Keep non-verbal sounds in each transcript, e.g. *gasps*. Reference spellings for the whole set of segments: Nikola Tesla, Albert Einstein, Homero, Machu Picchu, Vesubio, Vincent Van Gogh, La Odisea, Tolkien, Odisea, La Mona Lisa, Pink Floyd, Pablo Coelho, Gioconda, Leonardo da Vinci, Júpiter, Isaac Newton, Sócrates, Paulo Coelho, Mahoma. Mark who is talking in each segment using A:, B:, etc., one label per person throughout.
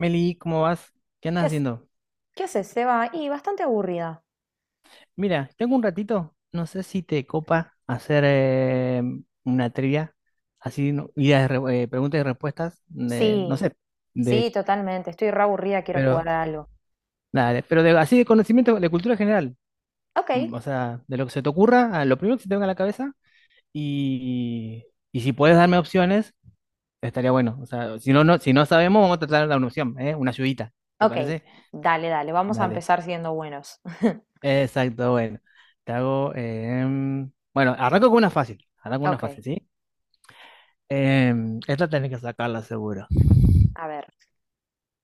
A: Meli, ¿cómo vas? ¿Qué andas
B: ¿Qué, hac-
A: haciendo?
B: ¿Qué haces, Seba? Y bastante aburrida.
A: Mira, tengo un ratito, no sé si te copa hacer una trivia, así, guía de preguntas y respuestas, no
B: Sí,
A: sé,
B: sí,
A: de,
B: totalmente. Estoy re aburrida, quiero
A: pero,
B: jugar a algo.
A: dale, pero de, así de conocimiento, de cultura general,
B: Ok,
A: o sea, de lo que se te ocurra, a lo primero que se te venga a la cabeza, y, y si puedes darme opciones, estaría bueno, o sea, si no, no, si no sabemos, vamos a tratar de dar una opción, ¿eh? Una ayudita, ¿te
B: ok.
A: parece?
B: Dale, dale, vamos a
A: Dale.
B: empezar siendo buenos. *laughs*
A: Exacto, bueno. Bueno, arranco con una fácil. Arranco con una
B: Ok,
A: fácil, ¿sí? Esta tenés que sacarla seguro.
B: a ver.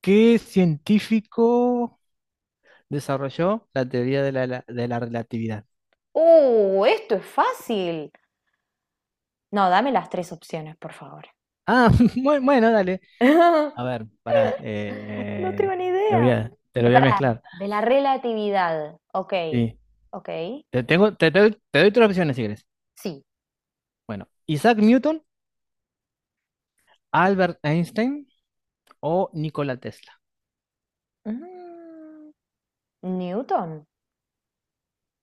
A: ¿Qué científico desarrolló la teoría de de la relatividad?
B: ¡Uh! Esto es fácil. No, dame las tres opciones, por favor.
A: Ah, *laughs* bueno, dale. A
B: *laughs*
A: ver, pará.
B: No tengo ni idea.
A: Te lo voy a
B: Espera,
A: mezclar.
B: de la relatividad. Ok,
A: Sí.
B: ok.
A: Te tengo, te doy tres opciones si quieres.
B: Sí.
A: Bueno, Isaac Newton, Albert Einstein o Nikola Tesla.
B: Mm, Newton.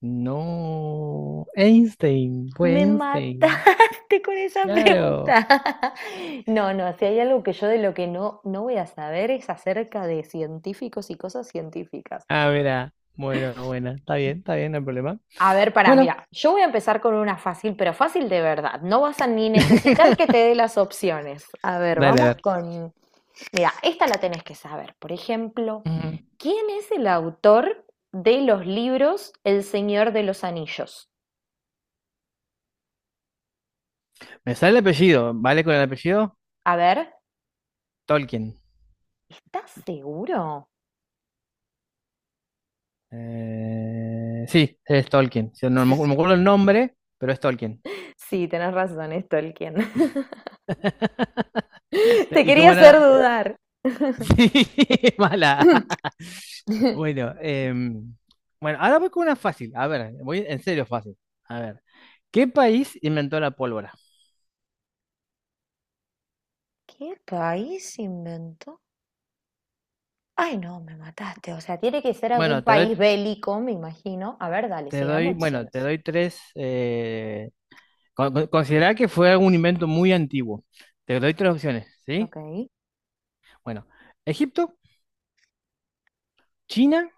A: No, Einstein, fue
B: Me
A: Einstein.
B: mataste *laughs* con esa
A: Claro.
B: pregunta. *laughs* No, no, si hay algo que yo de lo que no, no voy a saber es acerca de científicos y cosas científicas.
A: Ah, mira. Bueno, buena, está bien, está bien, no hay problema.
B: A ver, para,
A: Bueno.
B: mira, yo voy a empezar con una fácil, pero fácil de verdad. No vas a ni necesitar que te
A: *laughs*
B: dé las opciones. A ver,
A: Dale, a
B: vamos
A: ver.
B: con... Mira, esta la tenés que saber. Por ejemplo,
A: Ujú.
B: ¿quién es el autor de los libros El Señor de los Anillos?
A: Me sale el apellido. ¿Vale con el apellido?
B: A ver,
A: Tolkien.
B: ¿estás seguro?
A: Sí, es Tolkien. Sí, no, me no me acuerdo el nombre, pero es Tolkien.
B: Sí, tenés razón, es Tolkien. *laughs*
A: *laughs* Te-
B: Te
A: ¿Y
B: quería
A: cómo era
B: hacer
A: la...? *laughs*
B: dudar. *coughs*
A: Sí, *laughs* mala.
B: *clears throat*
A: Bueno, bueno, ahora voy con una fácil. A ver, voy en serio fácil. A ver, ¿qué país inventó la pólvora?
B: ¿Qué país inventó? Ay, no, me mataste. O sea, tiene que ser algún
A: Bueno,
B: país bélico, me imagino. A ver, dale,
A: te
B: sí, dame
A: doy, bueno, te
B: opciones.
A: doy tres, considerar que fue un invento muy antiguo. Te doy tres opciones,
B: Ok.
A: ¿sí? Bueno, Egipto, China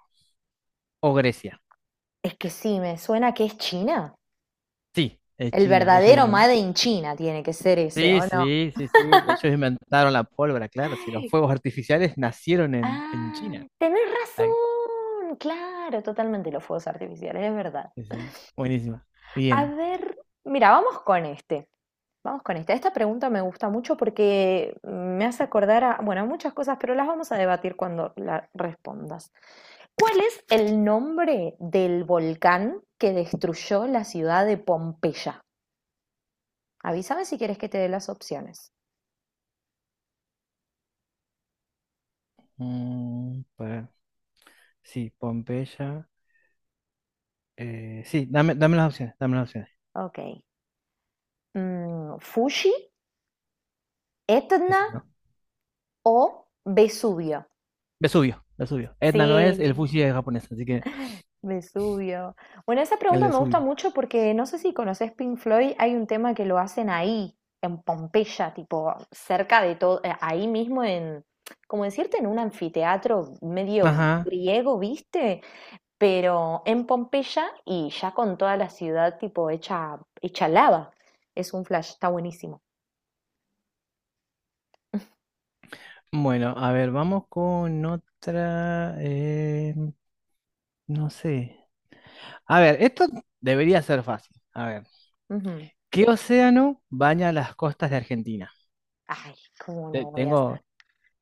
A: o Grecia.
B: Es que sí, me suena que es China.
A: Sí, es
B: El
A: China. Ellos
B: verdadero
A: inventaron.
B: Made in China tiene que ser ese,
A: Sí,
B: ¿o no?
A: sí, sí, sí. Ellos inventaron la pólvora,
B: *gasps*
A: claro. Si los
B: Ay,
A: fuegos artificiales nacieron en
B: ah,
A: China.
B: tenés
A: Ay,
B: razón. Claro, totalmente los fuegos artificiales, es verdad.
A: sí, sí. Buenísima.
B: A
A: Bien.
B: ver, mira, vamos con este. Vamos con esta. Esta pregunta me gusta mucho porque me hace acordar a, bueno, a muchas cosas, pero las vamos a debatir cuando la respondas. ¿Cuál es el nombre del volcán que destruyó la ciudad de Pompeya? Avísame si quieres que te dé las opciones.
A: Mm, pa- sí, Pompeya. Sí, dame, dame las opciones, dame las opciones.
B: Ok. Fuji, Etna
A: Ese, ¿no?
B: o Vesubio?
A: Vesubio, Vesubio. Etna no es, el
B: Sí,
A: Fuji es japonés, así que
B: Vesubio. Bueno, esa
A: el
B: pregunta me gusta
A: Vesubio.
B: mucho porque no sé si conoces Pink Floyd, hay un tema que lo hacen ahí, en Pompeya, tipo cerca de todo, ahí mismo en, como decirte, en un anfiteatro medio
A: Ajá.
B: griego, ¿viste? Pero en Pompeya y ya con toda la ciudad tipo hecha lava. Es un flash, está buenísimo.
A: Bueno, a ver, vamos con otra. No sé. A ver, esto debería ser fácil. A ver,
B: Ujú.
A: ¿qué océano baña las costas de Argentina?
B: Ay, ¿cómo
A: Te-
B: no voy a hacer?
A: tengo.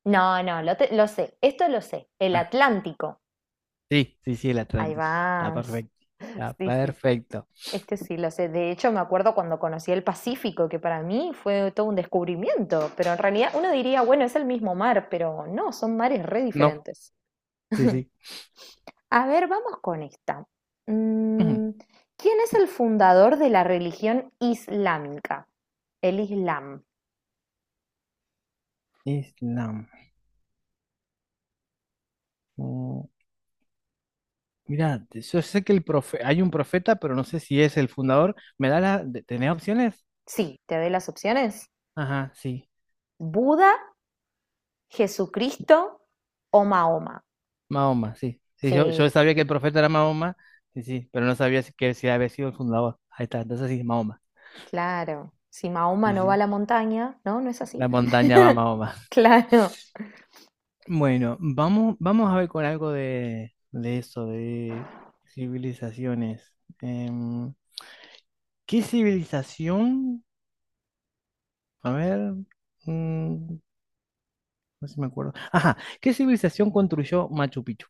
B: No, no, lo, te- Lo sé, esto lo sé. El
A: Ah,
B: Atlántico.
A: sí, sí, sí, el
B: Ahí
A: Atlántico. Está
B: vas.
A: perfecto.
B: *laughs*
A: Está
B: Sí, sí, sí.
A: perfecto.
B: Este sí lo sé. De hecho, me acuerdo cuando conocí el Pacífico, que para mí fue todo un descubrimiento. Pero en realidad uno diría, bueno, es el mismo mar, pero no, son mares re
A: No,
B: diferentes.
A: sí,
B: *laughs*
A: sí.
B: A ver, vamos con esta.
A: Ujú.
B: Mm, ¿Quién es el fundador de la religión islámica? El Islam.
A: Islam. Mm, mirá, te- yo sé que el profe... hay un profeta, pero no sé si es el fundador. ¿Me da la... de- ¿Tenés opciones?
B: Sí, te doy las opciones.
A: Ajá, sí.
B: Buda, Jesucristo o Mahoma.
A: Mahoma, sí. Sí,
B: Sí,
A: yo sabía que el profeta era Mahoma, sí, sí, pero no sabía que si había sido el fundador. Ahí está, entonces sí, Mahoma.
B: claro. Si Mahoma
A: Sí,
B: no va a
A: sí.
B: la montaña, ¿no? ¿No es así?
A: La
B: *laughs*
A: montaña va a Mahoma.
B: Claro.
A: Bueno, vamos, vamos a ver con algo de eso, de civilizaciones. Em, ¿Qué civilización? A ver, mm, no sé si me acuerdo. Ajá, ¿qué civilización construyó Machu Picchu?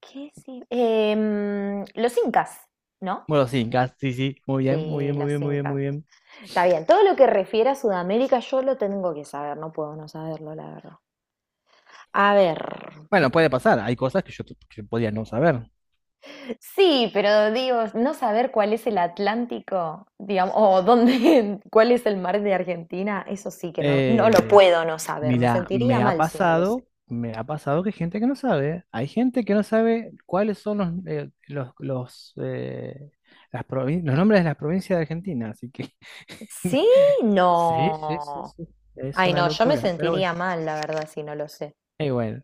B: ¿Qué sí? Em, los incas, ¿no?
A: Bueno, sí, sí, sí, muy bien, muy
B: Sí,
A: bien, muy
B: los
A: bien, muy bien,
B: incas.
A: muy bien.
B: Está bien, todo lo que refiere a Sudamérica yo lo tengo que saber, no puedo no saberlo, la verdad. A ver,
A: Bueno, puede pasar, hay cosas que yo, que podía no saber.
B: sí, pero digo, no saber cuál es el Atlántico, digamos, o dónde, *laughs* cuál es el mar de Argentina, eso sí que no, no lo
A: Eh,
B: puedo no saber, me
A: Mira,
B: sentiría mal si no lo sé.
A: me ha pasado que hay gente que no sabe, hay gente que no sabe cuáles son los, los nombres de las provincias de Argentina, así que
B: Sí,
A: *laughs* Sí, sí, sí,
B: no.
A: sí. Es
B: Ay,
A: una
B: no, yo me
A: locura, pero bueno,
B: sentiría mal, la verdad, si no lo sé.
A: bueno,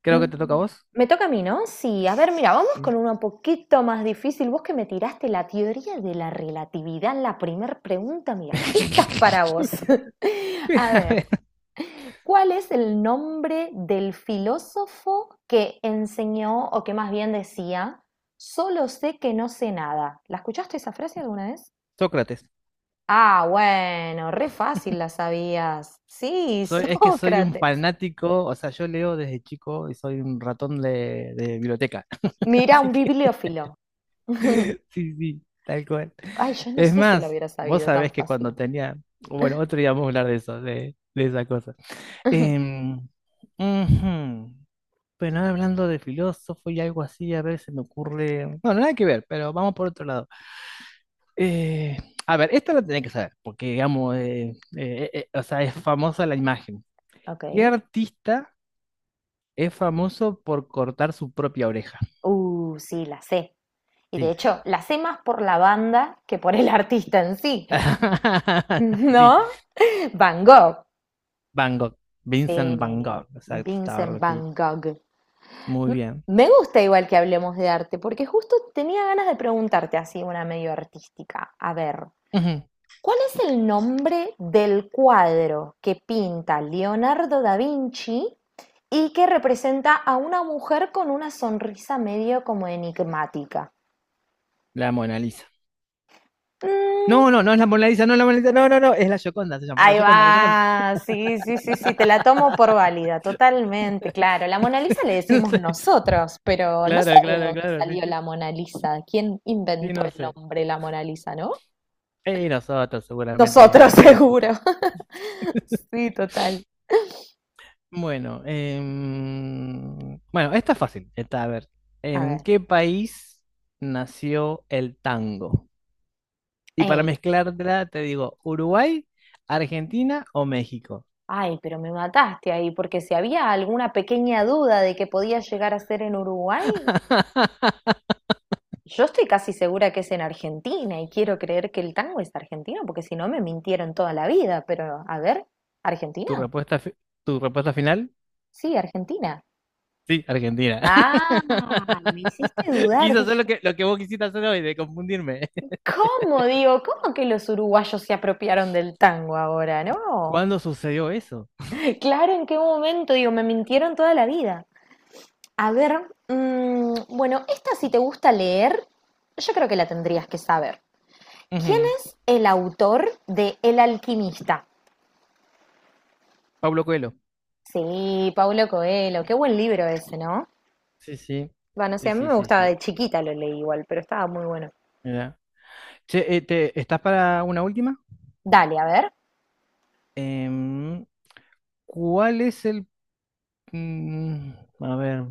A: creo que te toca a
B: Mm,
A: vos.
B: Me toca a mí, ¿no? Sí, a ver, mira, vamos
A: Sí.
B: con uno un poquito más difícil. Vos que me tiraste la teoría de la relatividad en la primera pregunta, mira, esta es para vos.
A: *laughs*
B: *laughs* A
A: A
B: ver,
A: ver,
B: ¿cuál es el nombre del filósofo que enseñó, o que más bien decía, solo sé que no sé nada? ¿La escuchaste esa frase alguna vez?
A: Sócrates,
B: Ah, bueno, re fácil la sabías. Sí, *laughs*
A: soy, es que soy un
B: Sócrates.
A: fanático, o sea, yo leo desde chico y soy un ratón de biblioteca, *laughs*
B: Mira,
A: así
B: un
A: que
B: bibliófilo. *laughs*
A: sí, sí, tal cual.
B: Ay, yo no
A: Es
B: sé si lo
A: más,
B: hubiera
A: vos
B: sabido
A: sabés
B: tan
A: que cuando
B: fácil.
A: tenía, bueno, otro día vamos a hablar de eso, de esa cosa.
B: *laughs*
A: Em, ujú. Pero ahora hablando de filósofo y algo así, a ver, se me ocurre. No, nada que ver, pero vamos por otro lado. Eh, a ver, esto lo tenés que saber, porque digamos, o sea, es famosa la imagen.
B: Ok.
A: ¿Qué artista es famoso por cortar su propia oreja?
B: Sí, la sé. Y de
A: Sí.
B: hecho, la sé más por la banda que por el *laughs* artista en sí. *laughs*
A: *laughs* Sí.
B: ¿No? Van Gogh.
A: Van Gogh,
B: Sí,
A: Vincent Van Gogh, exacto, estaba
B: Vincent Van
A: loquito.
B: Gogh.
A: Muy bien.
B: Me gusta igual que hablemos de arte, porque justo tenía ganas de preguntarte así una medio artística. A ver,
A: Ujú,
B: ¿cuál es el nombre del cuadro que pinta Leonardo da Vinci y que representa a una mujer con una sonrisa medio como enigmática?
A: la Mona Lisa.
B: Mm,
A: No, no, no es la Mona Lisa, no es la Mona Lisa, no, no, no, es la Gioconda, se llama, la
B: ahí
A: Gioconda, la Gioconda.
B: va, sí, sí, sí, sí, te la tomo por válida, totalmente, claro. La Mona Lisa le
A: *laughs* No
B: decimos
A: sé.
B: nosotros, pero no sé
A: Claro,
B: de
A: claro,
B: dónde
A: claro, sí,
B: salió
A: sí,
B: la Mona Lisa, quién
A: sí,
B: inventó
A: no
B: el
A: sé.
B: nombre la Mona Lisa, ¿no?
A: Y nosotros seguramente le,
B: Nosotros, *laughs* seguro. *laughs* Sí, total.
A: bueno, bueno, esta es fácil. Esta, a ver,
B: A
A: ¿en
B: ver.
A: qué país nació el tango? Y para
B: Eh,
A: mezclarla te digo, ¿Uruguay, Argentina o México?
B: Ay, pero me mataste ahí, porque si había alguna pequeña duda de que podía llegar a ser en Uruguay,
A: *laughs*
B: yo estoy casi segura que es en Argentina y quiero creer que el tango es argentino, porque si no me mintieron toda la vida, pero a ver, ¿Argentina?
A: ¿Tu respuesta, tu respuesta final?
B: Sí, Argentina.
A: Sí, Argentina.
B: Ah, me hiciste
A: *laughs*
B: dudar,
A: Quise hacer
B: dije,
A: lo que vos quisiste hacer hoy, de confundirme. *laughs*
B: ¿cómo digo? ¿Cómo que los uruguayos se apropiaron del tango ahora? No,
A: ¿Cuándo sucedió eso?
B: claro, ¿en qué momento? Digo, me mintieron toda la vida. A ver, bueno, esta si te gusta leer, yo creo que la tendrías que saber. ¿Quién
A: Ujú,
B: es el autor de El alquimista?
A: Pablo Coelho.
B: Sí, Paulo Coelho, qué buen libro ese, ¿no?
A: Sí, sí.
B: Bueno, sí,
A: Sí,
B: a mí
A: sí,
B: me
A: sí,
B: gustaba
A: sí.
B: de chiquita, lo leí igual, pero estaba muy bueno.
A: Mirá. Che, ¿estás para una última?
B: Dale, a ver.
A: Em, ¿Cuál es el... mm, a ver.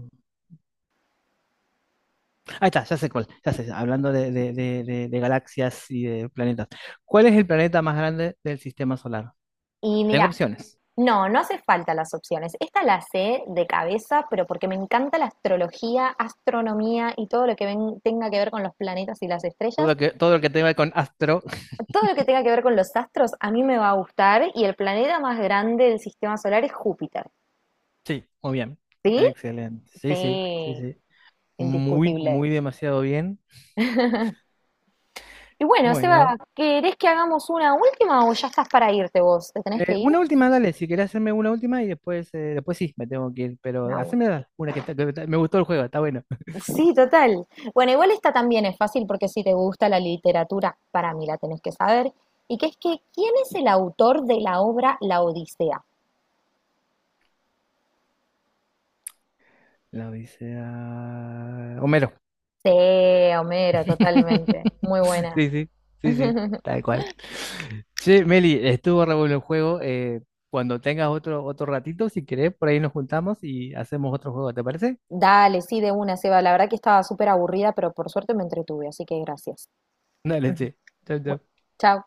A: Ahí está, ya sé cuál. Ya sé, hablando de, de galaxias y de planetas. ¿Cuál es el planeta más grande del sistema solar?
B: Y
A: Tengo
B: mira,
A: opciones.
B: no, no hace falta las opciones. Esta la sé de cabeza, pero porque me encanta la astrología, astronomía y todo lo que tenga que ver con los planetas y las estrellas.
A: Todo lo que tenga con
B: Todo lo que tenga que ver con los astros a mí me va a gustar y el planeta más grande del sistema solar es Júpiter.
A: sí, muy bien.
B: ¿Sí?
A: Excelente. Sí, sí, sí,
B: Sí,
A: sí. Muy,
B: indiscutible.
A: muy demasiado bien.
B: *laughs* Y bueno, Seba,
A: Bueno,
B: ¿querés que hagamos una última o ya estás para irte vos? ¿Te tenés que ir?
A: una última, dale, si querés hacerme una última y después, después sí, me tengo que ir, pero
B: Una.
A: haceme una que, que me gustó el juego, está bueno. *laughs*
B: Sí, total. Bueno, igual esta también es fácil porque si te gusta la literatura, para mí la tenés que saber. Y que es que, ¿quién es el autor de la obra La Odisea?
A: La Odisea... Homero.
B: Sí, Homero, totalmente.
A: *laughs*
B: Muy buena.
A: Sí, sí, sí, sí,
B: *laughs*
A: tal cual. Che, Meli, estuvo re bueno el juego. Cuando tengas otro, otro ratito, si querés, por ahí nos juntamos y hacemos otro juego, ¿te parece?
B: Dale, sí, de una, Seba. La verdad que estaba súper aburrida, pero por suerte me entretuve, así que gracias.
A: Dale,
B: *laughs*
A: che. Chau,
B: Bueno,
A: chau.
B: chao.